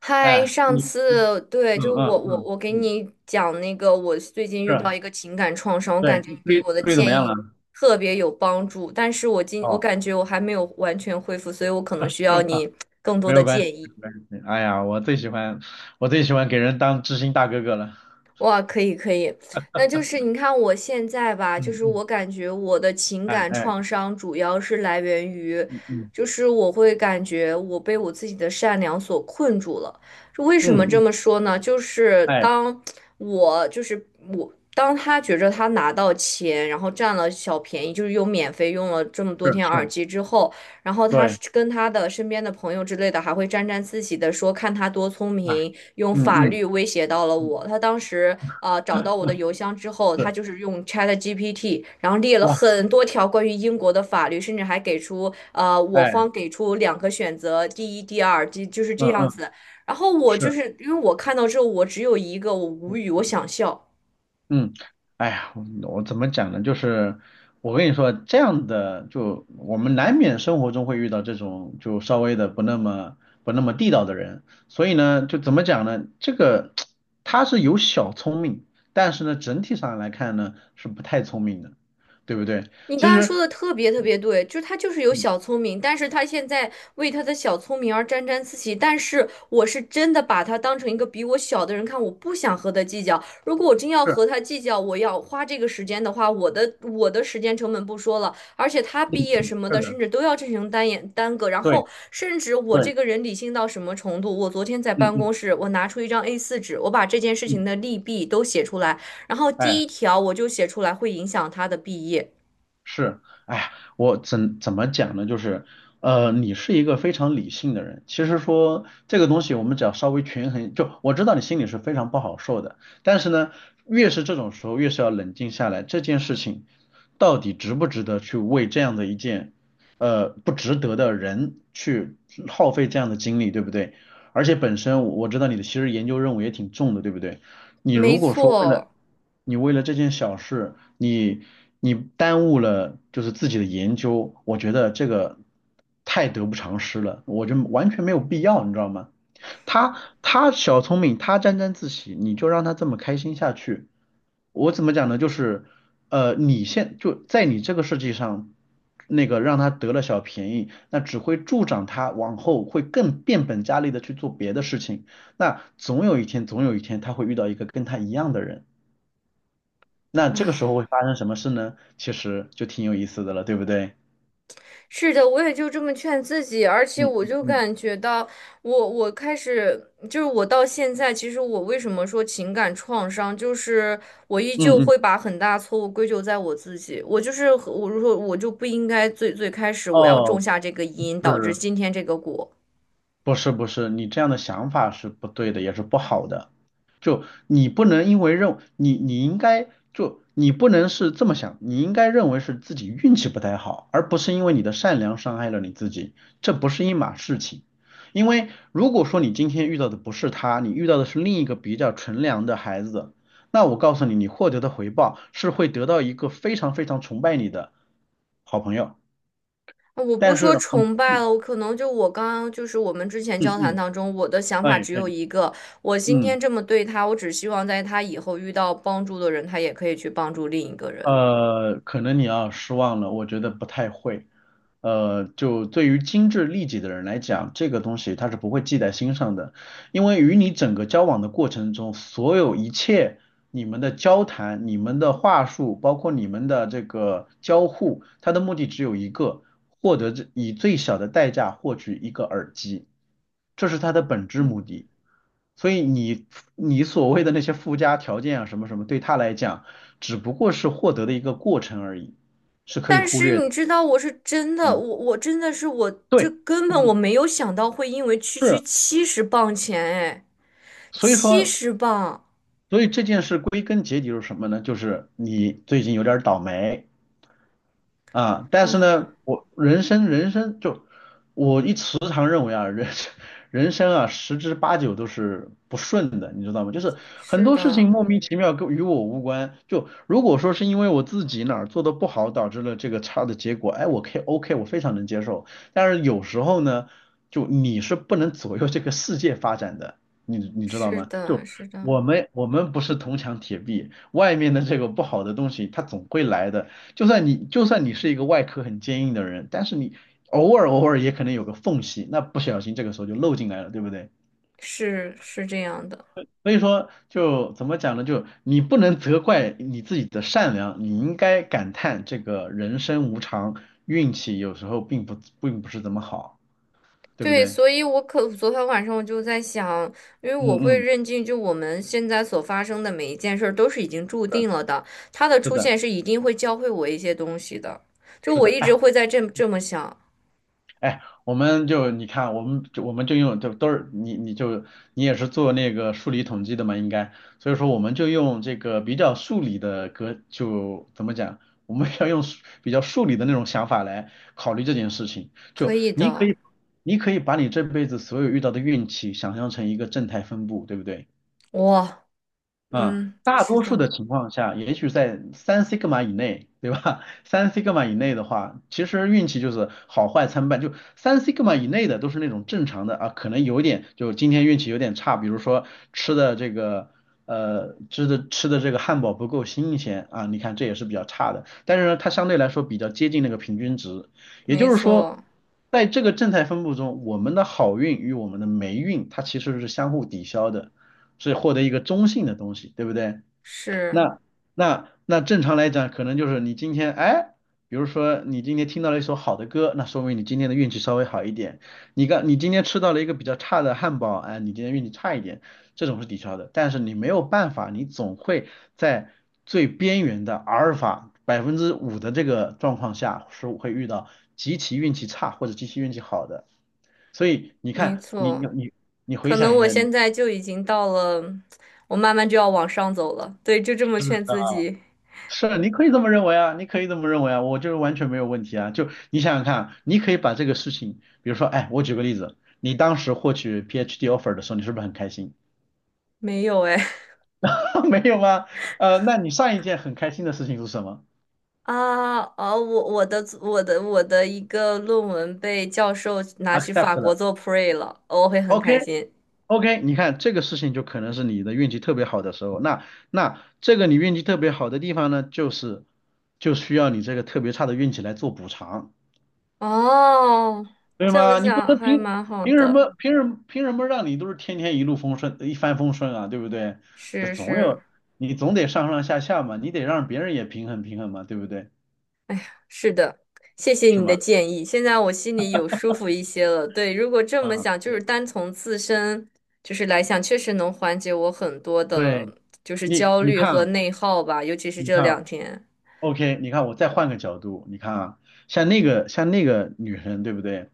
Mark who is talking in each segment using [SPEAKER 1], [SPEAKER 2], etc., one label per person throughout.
[SPEAKER 1] 嗨，
[SPEAKER 2] 哎，
[SPEAKER 1] 上
[SPEAKER 2] 你，
[SPEAKER 1] 次对，
[SPEAKER 2] 嗯
[SPEAKER 1] 就是我
[SPEAKER 2] 嗯
[SPEAKER 1] 我
[SPEAKER 2] 嗯
[SPEAKER 1] 我给
[SPEAKER 2] 嗯，
[SPEAKER 1] 你讲那个，我最近遇到
[SPEAKER 2] 是，
[SPEAKER 1] 一个情感创伤，我感
[SPEAKER 2] 对，
[SPEAKER 1] 觉
[SPEAKER 2] 处
[SPEAKER 1] 你给
[SPEAKER 2] 理
[SPEAKER 1] 我的
[SPEAKER 2] 处理怎么
[SPEAKER 1] 建
[SPEAKER 2] 样
[SPEAKER 1] 议
[SPEAKER 2] 了？
[SPEAKER 1] 特别有帮助，但是我
[SPEAKER 2] 哦，
[SPEAKER 1] 感觉我还没有完全恢复，所以我可能
[SPEAKER 2] 是
[SPEAKER 1] 需要
[SPEAKER 2] 吗？
[SPEAKER 1] 你更多
[SPEAKER 2] 没
[SPEAKER 1] 的
[SPEAKER 2] 有关系，
[SPEAKER 1] 建议。
[SPEAKER 2] 没有关系。哎呀，我最喜欢给人当知心大哥哥了。
[SPEAKER 1] 哇，可以可以，那就是你看我现在吧，就
[SPEAKER 2] 嗯
[SPEAKER 1] 是
[SPEAKER 2] 嗯，
[SPEAKER 1] 我感觉我的情
[SPEAKER 2] 哎
[SPEAKER 1] 感
[SPEAKER 2] 哎，
[SPEAKER 1] 创伤主要是来源于，
[SPEAKER 2] 嗯嗯
[SPEAKER 1] 就是我会感觉我被我自己的善良所困住了。这为什么
[SPEAKER 2] 嗯
[SPEAKER 1] 这
[SPEAKER 2] 嗯，
[SPEAKER 1] 么说呢？就是
[SPEAKER 2] 哎，
[SPEAKER 1] 我就是我，当他觉着他拿到钱，然后占了小便宜，就是又免费用了这么多
[SPEAKER 2] 是
[SPEAKER 1] 天耳
[SPEAKER 2] 是，
[SPEAKER 1] 机之后。然后他是
[SPEAKER 2] 对，
[SPEAKER 1] 跟他的身边的朋友之类的还会沾沾自喜的说，看他多聪
[SPEAKER 2] 哎，
[SPEAKER 1] 明，用
[SPEAKER 2] 嗯
[SPEAKER 1] 法
[SPEAKER 2] 嗯
[SPEAKER 1] 律威胁到了
[SPEAKER 2] 嗯，
[SPEAKER 1] 我。他当时找到我的邮箱之 后，他
[SPEAKER 2] 是，
[SPEAKER 1] 就是用 ChatGPT，然后列了
[SPEAKER 2] 哇，
[SPEAKER 1] 很多条关于英国的法律，甚至还给出我
[SPEAKER 2] 哎，
[SPEAKER 1] 方给出两个选择，第一、第二，就是这
[SPEAKER 2] 嗯
[SPEAKER 1] 样
[SPEAKER 2] 嗯，
[SPEAKER 1] 子。然后我
[SPEAKER 2] 是。
[SPEAKER 1] 就
[SPEAKER 2] 嗯
[SPEAKER 1] 是因为我看到之后，我只有一个，我无语，我想笑。
[SPEAKER 2] 嗯，哎呀，我怎么讲呢？就是我跟你说，这样的就我们难免生活中会遇到这种就稍微的不那么地道的人，所以呢，就怎么讲呢？这个 他是有小聪明，但是呢，整体上来看呢是不太聪明的，对不对？
[SPEAKER 1] 你
[SPEAKER 2] 其
[SPEAKER 1] 刚才
[SPEAKER 2] 实，
[SPEAKER 1] 说的特别特别对，就是他就是有
[SPEAKER 2] 嗯，
[SPEAKER 1] 小聪明，但是他现在为他的小聪明而沾沾自喜。但是我是真的把他当成一个比我小的人看，我不想和他计较。如果我真要和
[SPEAKER 2] 是
[SPEAKER 1] 他计较，我要花这个时间的话，我的时间成本不说了，而且他毕业什么
[SPEAKER 2] 是
[SPEAKER 1] 的，
[SPEAKER 2] 的，
[SPEAKER 1] 甚至都要进行单眼耽搁。然
[SPEAKER 2] 对
[SPEAKER 1] 后，甚至我
[SPEAKER 2] 对，
[SPEAKER 1] 这个人理性到什么程度？我昨天在
[SPEAKER 2] 嗯
[SPEAKER 1] 办公
[SPEAKER 2] 嗯
[SPEAKER 1] 室，我拿出一张 A4纸，我把这件事情
[SPEAKER 2] 嗯，
[SPEAKER 1] 的利弊都写出来，然后第
[SPEAKER 2] 哎。
[SPEAKER 1] 一条我就写出来会影响他的毕业。
[SPEAKER 2] 是，哎呀，我怎么讲呢？就是，你是一个非常理性的人。其实说这个东西，我们只要稍微权衡，就我知道你心里是非常不好受的，但是呢，越是这种时候，越是要冷静下来，这件事情到底值不值得去为这样的一件，不值得的人去耗费这样的精力，对不对？而且本身我知道你的其实研究任务也挺重的，对不对？你
[SPEAKER 1] 没
[SPEAKER 2] 如果说为了
[SPEAKER 1] 错，
[SPEAKER 2] 你为了这件小事，你耽误了就是自己的研究，我觉得这个太得不偿失了，我就完全没有必要，你知道吗？他他小聪明，他沾沾自喜，你就让他这么开心下去，我怎么讲呢？就是，你就在你这个世界上，那个让他得了小便宜，那只会助长他往后会更变本加厉的去做别的事情。那总有一天，总有一天他会遇到一个跟他一样的人。那这个时候会发生什么事呢？其实就挺有意思的了，对不对？
[SPEAKER 1] 是的，我也就这么劝自己，而且
[SPEAKER 2] 嗯
[SPEAKER 1] 我
[SPEAKER 2] 嗯
[SPEAKER 1] 就
[SPEAKER 2] 嗯
[SPEAKER 1] 感觉到我，我开始就是我到现在，其实我为什么说情感创伤，就是我依旧
[SPEAKER 2] 嗯嗯，
[SPEAKER 1] 会把很大错误归咎在我自己，我如果我就不应该最最开始我要种
[SPEAKER 2] 哦，
[SPEAKER 1] 下这个因，导致
[SPEAKER 2] 是。
[SPEAKER 1] 今天这个果。
[SPEAKER 2] 不是不是，你这样的想法是不对的，也是不好的。就你不能因为认你你应该就你不能是这么想，你应该认为是自己运气不太好，而不是因为你的善良伤害了你自己，这不是一码事情。因为如果说你今天遇到的不是他，你遇到的是另一个比较纯良的孩子，那我告诉你，你获得的回报是会得到一个非常非常崇拜你的好朋友。
[SPEAKER 1] 我不
[SPEAKER 2] 但是
[SPEAKER 1] 说
[SPEAKER 2] 很，
[SPEAKER 1] 崇拜了，我可能就我刚刚就是我们之前
[SPEAKER 2] 嗯
[SPEAKER 1] 交谈
[SPEAKER 2] 嗯，
[SPEAKER 1] 当中，我的想
[SPEAKER 2] 哎
[SPEAKER 1] 法只
[SPEAKER 2] 哎，
[SPEAKER 1] 有一个，我今天
[SPEAKER 2] 嗯。
[SPEAKER 1] 这么对他，我只希望在他以后遇到帮助的人，他也可以去帮助另一个人。
[SPEAKER 2] 可能你要失望了，我觉得不太会。就对于精致利己的人来讲，这个东西他是不会记在心上的，因为与你整个交往的过程中，所有一切你们的交谈、你们的话术，包括你们的这个交互，它的目的只有一个，获得这以最小的代价获取一个耳机，这是它的本质目的。所以你所谓的那些附加条件啊，什么什么，对他来讲。只不过是获得的一个过程而已，是可以
[SPEAKER 1] 但
[SPEAKER 2] 忽
[SPEAKER 1] 是
[SPEAKER 2] 略
[SPEAKER 1] 你
[SPEAKER 2] 的。
[SPEAKER 1] 知道，我是真的，
[SPEAKER 2] 嗯，
[SPEAKER 1] 我真的是我这
[SPEAKER 2] 对，
[SPEAKER 1] 根本我
[SPEAKER 2] 你
[SPEAKER 1] 没有想到会因为区区
[SPEAKER 2] 是，
[SPEAKER 1] 七十磅钱，哎，
[SPEAKER 2] 所以
[SPEAKER 1] 七
[SPEAKER 2] 说，
[SPEAKER 1] 十磅，
[SPEAKER 2] 所以这件事归根结底是什么呢？就是你最近有点儿倒霉，啊，但是
[SPEAKER 1] 嗯，
[SPEAKER 2] 呢，我人生人生就我一时常认为啊，人生人生啊，十之八九都是不顺的，你知道吗？就是很
[SPEAKER 1] 是
[SPEAKER 2] 多事情
[SPEAKER 1] 的，
[SPEAKER 2] 莫名其妙与我无关。就如果说是因为我自己哪儿做的不好导致了这个差的结果，哎，我可以 OK，我非常能接受。但是有时候呢，就你是不能左右这个世界发展的，你知道
[SPEAKER 1] 是
[SPEAKER 2] 吗？
[SPEAKER 1] 的，
[SPEAKER 2] 就
[SPEAKER 1] 是
[SPEAKER 2] 我
[SPEAKER 1] 的，
[SPEAKER 2] 们我们不是铜墙铁壁，外面的这个不好的东西它总会来的。就算你是一个外壳很坚硬的人，但是你偶尔偶尔也可能有个缝隙，那不小心这个时候就漏进来了，对不对？
[SPEAKER 1] 是是这样的。
[SPEAKER 2] 所以说就怎么讲呢？就你不能责怪你自己的善良，你应该感叹这个人生无常，运气有时候并不是怎么好，对不
[SPEAKER 1] 对，
[SPEAKER 2] 对？
[SPEAKER 1] 所以昨天晚上我就在想，因为我
[SPEAKER 2] 嗯
[SPEAKER 1] 会
[SPEAKER 2] 嗯，
[SPEAKER 1] 认定，就我们现在所发生的每一件事儿都是已经注
[SPEAKER 2] 是
[SPEAKER 1] 定了的，他的
[SPEAKER 2] 是
[SPEAKER 1] 出
[SPEAKER 2] 的，
[SPEAKER 1] 现是一定会教会我一些东西的。就
[SPEAKER 2] 是
[SPEAKER 1] 我
[SPEAKER 2] 的，
[SPEAKER 1] 一直
[SPEAKER 2] 哎。
[SPEAKER 1] 会这么想，
[SPEAKER 2] 哎，我们就你看，我们就我们就用就都是你你就你也是做那个数理统计的嘛，应该，所以说我们就用这个比较数理的就怎么讲，我们要用比较数理的那种想法来考虑这件事情。
[SPEAKER 1] 可
[SPEAKER 2] 就
[SPEAKER 1] 以
[SPEAKER 2] 你可
[SPEAKER 1] 的，
[SPEAKER 2] 以你可以把你这辈子所有遇到的运气想象成一个正态分布，对不对？
[SPEAKER 1] 哇，
[SPEAKER 2] 嗯，
[SPEAKER 1] 嗯，
[SPEAKER 2] 大
[SPEAKER 1] 是
[SPEAKER 2] 多数
[SPEAKER 1] 的，
[SPEAKER 2] 的情况下，也许在三 s i g 以内，对吧？三 s i g 以内的话，其实运气就是好坏参半。就三 s i g 以内的都是那种正常的啊，可能有点就今天运气有点差，比如说吃的这个呃吃的吃的这个汉堡不够新鲜啊，你看这也是比较差的。但是呢，它相对来说比较接近那个平均值，也
[SPEAKER 1] 没
[SPEAKER 2] 就是说，
[SPEAKER 1] 错，
[SPEAKER 2] 在这个正态分布中，我们的好运与我们的霉运它其实是相互抵消的。是获得一个中性的东西，对不对？
[SPEAKER 1] 是
[SPEAKER 2] 那那正常来讲，可能就是你今天哎，比如说你今天听到了一首好的歌，那说明你今天的运气稍微好一点。你今天吃到了一个比较差的汉堡，哎，你今天运气差一点，这种是抵消的。但是你没有办法，你总会在最边缘的阿尔法5%的这个状况下，是会遇到极其运气差或者极其运气好的。所以你
[SPEAKER 1] 没
[SPEAKER 2] 看，你你
[SPEAKER 1] 错，
[SPEAKER 2] 你你回
[SPEAKER 1] 可
[SPEAKER 2] 想
[SPEAKER 1] 能
[SPEAKER 2] 一
[SPEAKER 1] 我
[SPEAKER 2] 下。
[SPEAKER 1] 现在就已经到了，我慢慢就要往上走了。对，就这么劝自己，
[SPEAKER 2] 是，你可以这么认为啊，你可以这么认为啊，我就是完全没有问题啊。就你想想看啊，你可以把这个事情，比如说，哎，我举个例子，你当时获取 PhD offer 的时候，你是不是很开心？
[SPEAKER 1] 没有哎。
[SPEAKER 2] 没有吗？那你上一件很开心的事情是什么
[SPEAKER 1] 啊，哦，我的一个论文被教授拿去法
[SPEAKER 2] ？accept
[SPEAKER 1] 国
[SPEAKER 2] 了
[SPEAKER 1] 做 pre 了，我会很开
[SPEAKER 2] ，OK
[SPEAKER 1] 心。
[SPEAKER 2] OK，你看这个事情就可能是你的运气特别好的时候。那这个你运气特别好的地方呢，就需要你这个特别差的运气来做补偿。
[SPEAKER 1] 哦，
[SPEAKER 2] 对
[SPEAKER 1] 这么
[SPEAKER 2] 吗？你不
[SPEAKER 1] 想
[SPEAKER 2] 能
[SPEAKER 1] 还
[SPEAKER 2] 凭
[SPEAKER 1] 蛮好
[SPEAKER 2] 凭什
[SPEAKER 1] 的，
[SPEAKER 2] 么凭什么凭什么让你都是天天一路风顺一帆风顺啊，对不对？就
[SPEAKER 1] 是
[SPEAKER 2] 总
[SPEAKER 1] 是
[SPEAKER 2] 有你总得上上下下嘛，你得让别人也平衡平衡嘛，对不对？
[SPEAKER 1] 是的，谢谢
[SPEAKER 2] 是
[SPEAKER 1] 你的
[SPEAKER 2] 吗？
[SPEAKER 1] 建议，现在我心里有舒服一些了。对，如果这么
[SPEAKER 2] 啊，
[SPEAKER 1] 想，就是
[SPEAKER 2] 对
[SPEAKER 1] 单从自身就是来想，确实能缓解我很多
[SPEAKER 2] 对，
[SPEAKER 1] 的，就是
[SPEAKER 2] 你
[SPEAKER 1] 焦
[SPEAKER 2] 你
[SPEAKER 1] 虑
[SPEAKER 2] 看
[SPEAKER 1] 和
[SPEAKER 2] 啊
[SPEAKER 1] 内耗吧，尤其是
[SPEAKER 2] 你
[SPEAKER 1] 这
[SPEAKER 2] 看啊
[SPEAKER 1] 两天。
[SPEAKER 2] ，OK，你看我再换个角度，你看啊，像那个女生，对不对？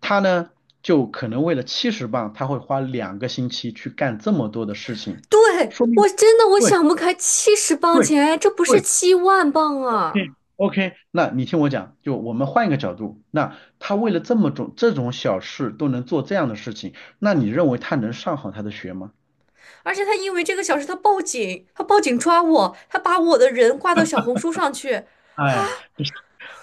[SPEAKER 2] 她呢就可能为了70磅，她会花2个星期去干这么多的事情，
[SPEAKER 1] 对，
[SPEAKER 2] 说明
[SPEAKER 1] 我真的我
[SPEAKER 2] 对
[SPEAKER 1] 想不开，七十磅
[SPEAKER 2] 对
[SPEAKER 1] 钱，这不是
[SPEAKER 2] 对
[SPEAKER 1] 7万磅啊！
[SPEAKER 2] o k 那你听我讲，就我们换一个角度，那他为了这种小事都能做这样的事情，那你认为他能上好他的学吗？
[SPEAKER 1] 而且他因为这个小事，他报警，他报警抓我，他把我的人挂到小红书上去。
[SPEAKER 2] 哎，不是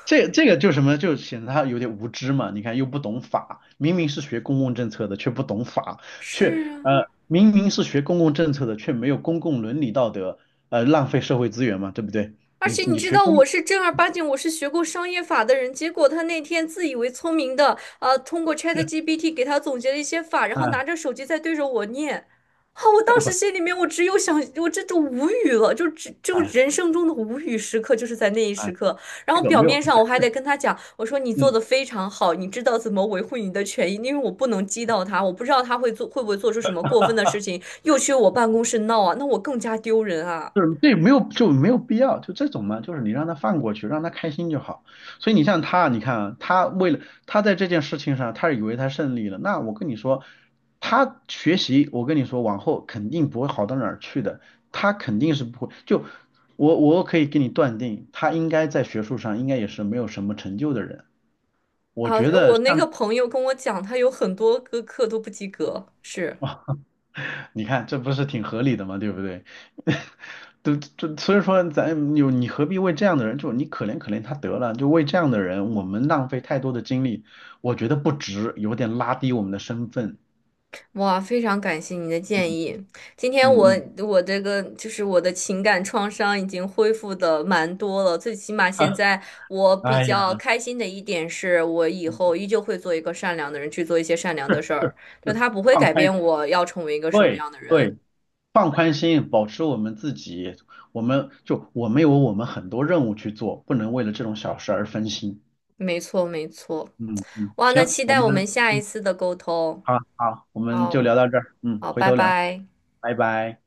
[SPEAKER 2] 这个就什么，就显得他有点无知嘛。你看又不懂法，明明是学公共政策的，却不懂法，却
[SPEAKER 1] 是啊，
[SPEAKER 2] 明明是学公共政策的，却没有公共伦理道德，浪费社会资源嘛，对不对？
[SPEAKER 1] 而
[SPEAKER 2] 你
[SPEAKER 1] 且你
[SPEAKER 2] 你
[SPEAKER 1] 知
[SPEAKER 2] 学
[SPEAKER 1] 道
[SPEAKER 2] 公
[SPEAKER 1] 我
[SPEAKER 2] 共，
[SPEAKER 1] 是正儿八经，我是学过商业法的人。结果他那天自以为聪明的，通过 ChatGPT 给他总结了一些法，然后拿
[SPEAKER 2] 啊，
[SPEAKER 1] 着手机在对着我念。啊，我当
[SPEAKER 2] 干
[SPEAKER 1] 时
[SPEAKER 2] 不，
[SPEAKER 1] 心里面我只有想，我这就无语了，就
[SPEAKER 2] 哎
[SPEAKER 1] 人生中的无语时刻就是在那一时
[SPEAKER 2] 哎，
[SPEAKER 1] 刻。然
[SPEAKER 2] 这
[SPEAKER 1] 后
[SPEAKER 2] 个
[SPEAKER 1] 表
[SPEAKER 2] 没有。
[SPEAKER 1] 面上我还得跟他讲，我说你做
[SPEAKER 2] 嗯。
[SPEAKER 1] 的非常好，你知道怎么维护你的权益，因为我不能激到他，我不知道他会做会不会做出什么过分的事情，又去我办公室闹啊，那我更加丢人啊。
[SPEAKER 2] 就是对，没有就没有必要，就这种嘛，就是你让他放过去，让他开心就好。所以你像他，你看啊他为了他在这件事情上，他以为他胜利了。那我跟你说，他学习，我跟你说，往后肯定不会好到哪儿去的。他肯定是不会，就我我可以给你断定，他应该在学术上应该也是没有什么成就的人。我
[SPEAKER 1] 啊，
[SPEAKER 2] 觉得
[SPEAKER 1] 我那个
[SPEAKER 2] 像
[SPEAKER 1] 朋友跟我讲，他有很多个课都不及格，是，
[SPEAKER 2] 你看，这不是挺合理的吗？对不对？所以说你何必为这样的人，就你可怜可怜他得了，就为这样的人，我们浪费太多的精力，我觉得不值，有点拉低我们的身份。
[SPEAKER 1] 哇，非常感谢您的
[SPEAKER 2] 嗯
[SPEAKER 1] 建议。今天
[SPEAKER 2] 嗯
[SPEAKER 1] 我
[SPEAKER 2] 嗯，
[SPEAKER 1] 我的情感创伤已经恢复的蛮多了，最起码现 在我比
[SPEAKER 2] 哎
[SPEAKER 1] 较
[SPEAKER 2] 呀，
[SPEAKER 1] 开心的一点是，我以后
[SPEAKER 2] 嗯
[SPEAKER 1] 依旧会做一个善良的人，去做一些善良的事儿，就
[SPEAKER 2] 是
[SPEAKER 1] 他不会
[SPEAKER 2] 放
[SPEAKER 1] 改
[SPEAKER 2] 宽
[SPEAKER 1] 变
[SPEAKER 2] 心，
[SPEAKER 1] 我要成为一个什么
[SPEAKER 2] 对
[SPEAKER 1] 样的人。
[SPEAKER 2] 对，放宽心，保持我们自己，我们有很多任务去做，不能为了这种小事而分心。
[SPEAKER 1] 没错，没错。
[SPEAKER 2] 嗯嗯，
[SPEAKER 1] 哇，那
[SPEAKER 2] 行，
[SPEAKER 1] 期待我们下一次的沟通。
[SPEAKER 2] 好好，我们就
[SPEAKER 1] 好，
[SPEAKER 2] 聊到这儿，嗯，
[SPEAKER 1] 好，
[SPEAKER 2] 回
[SPEAKER 1] 拜
[SPEAKER 2] 头聊。
[SPEAKER 1] 拜。
[SPEAKER 2] 拜拜。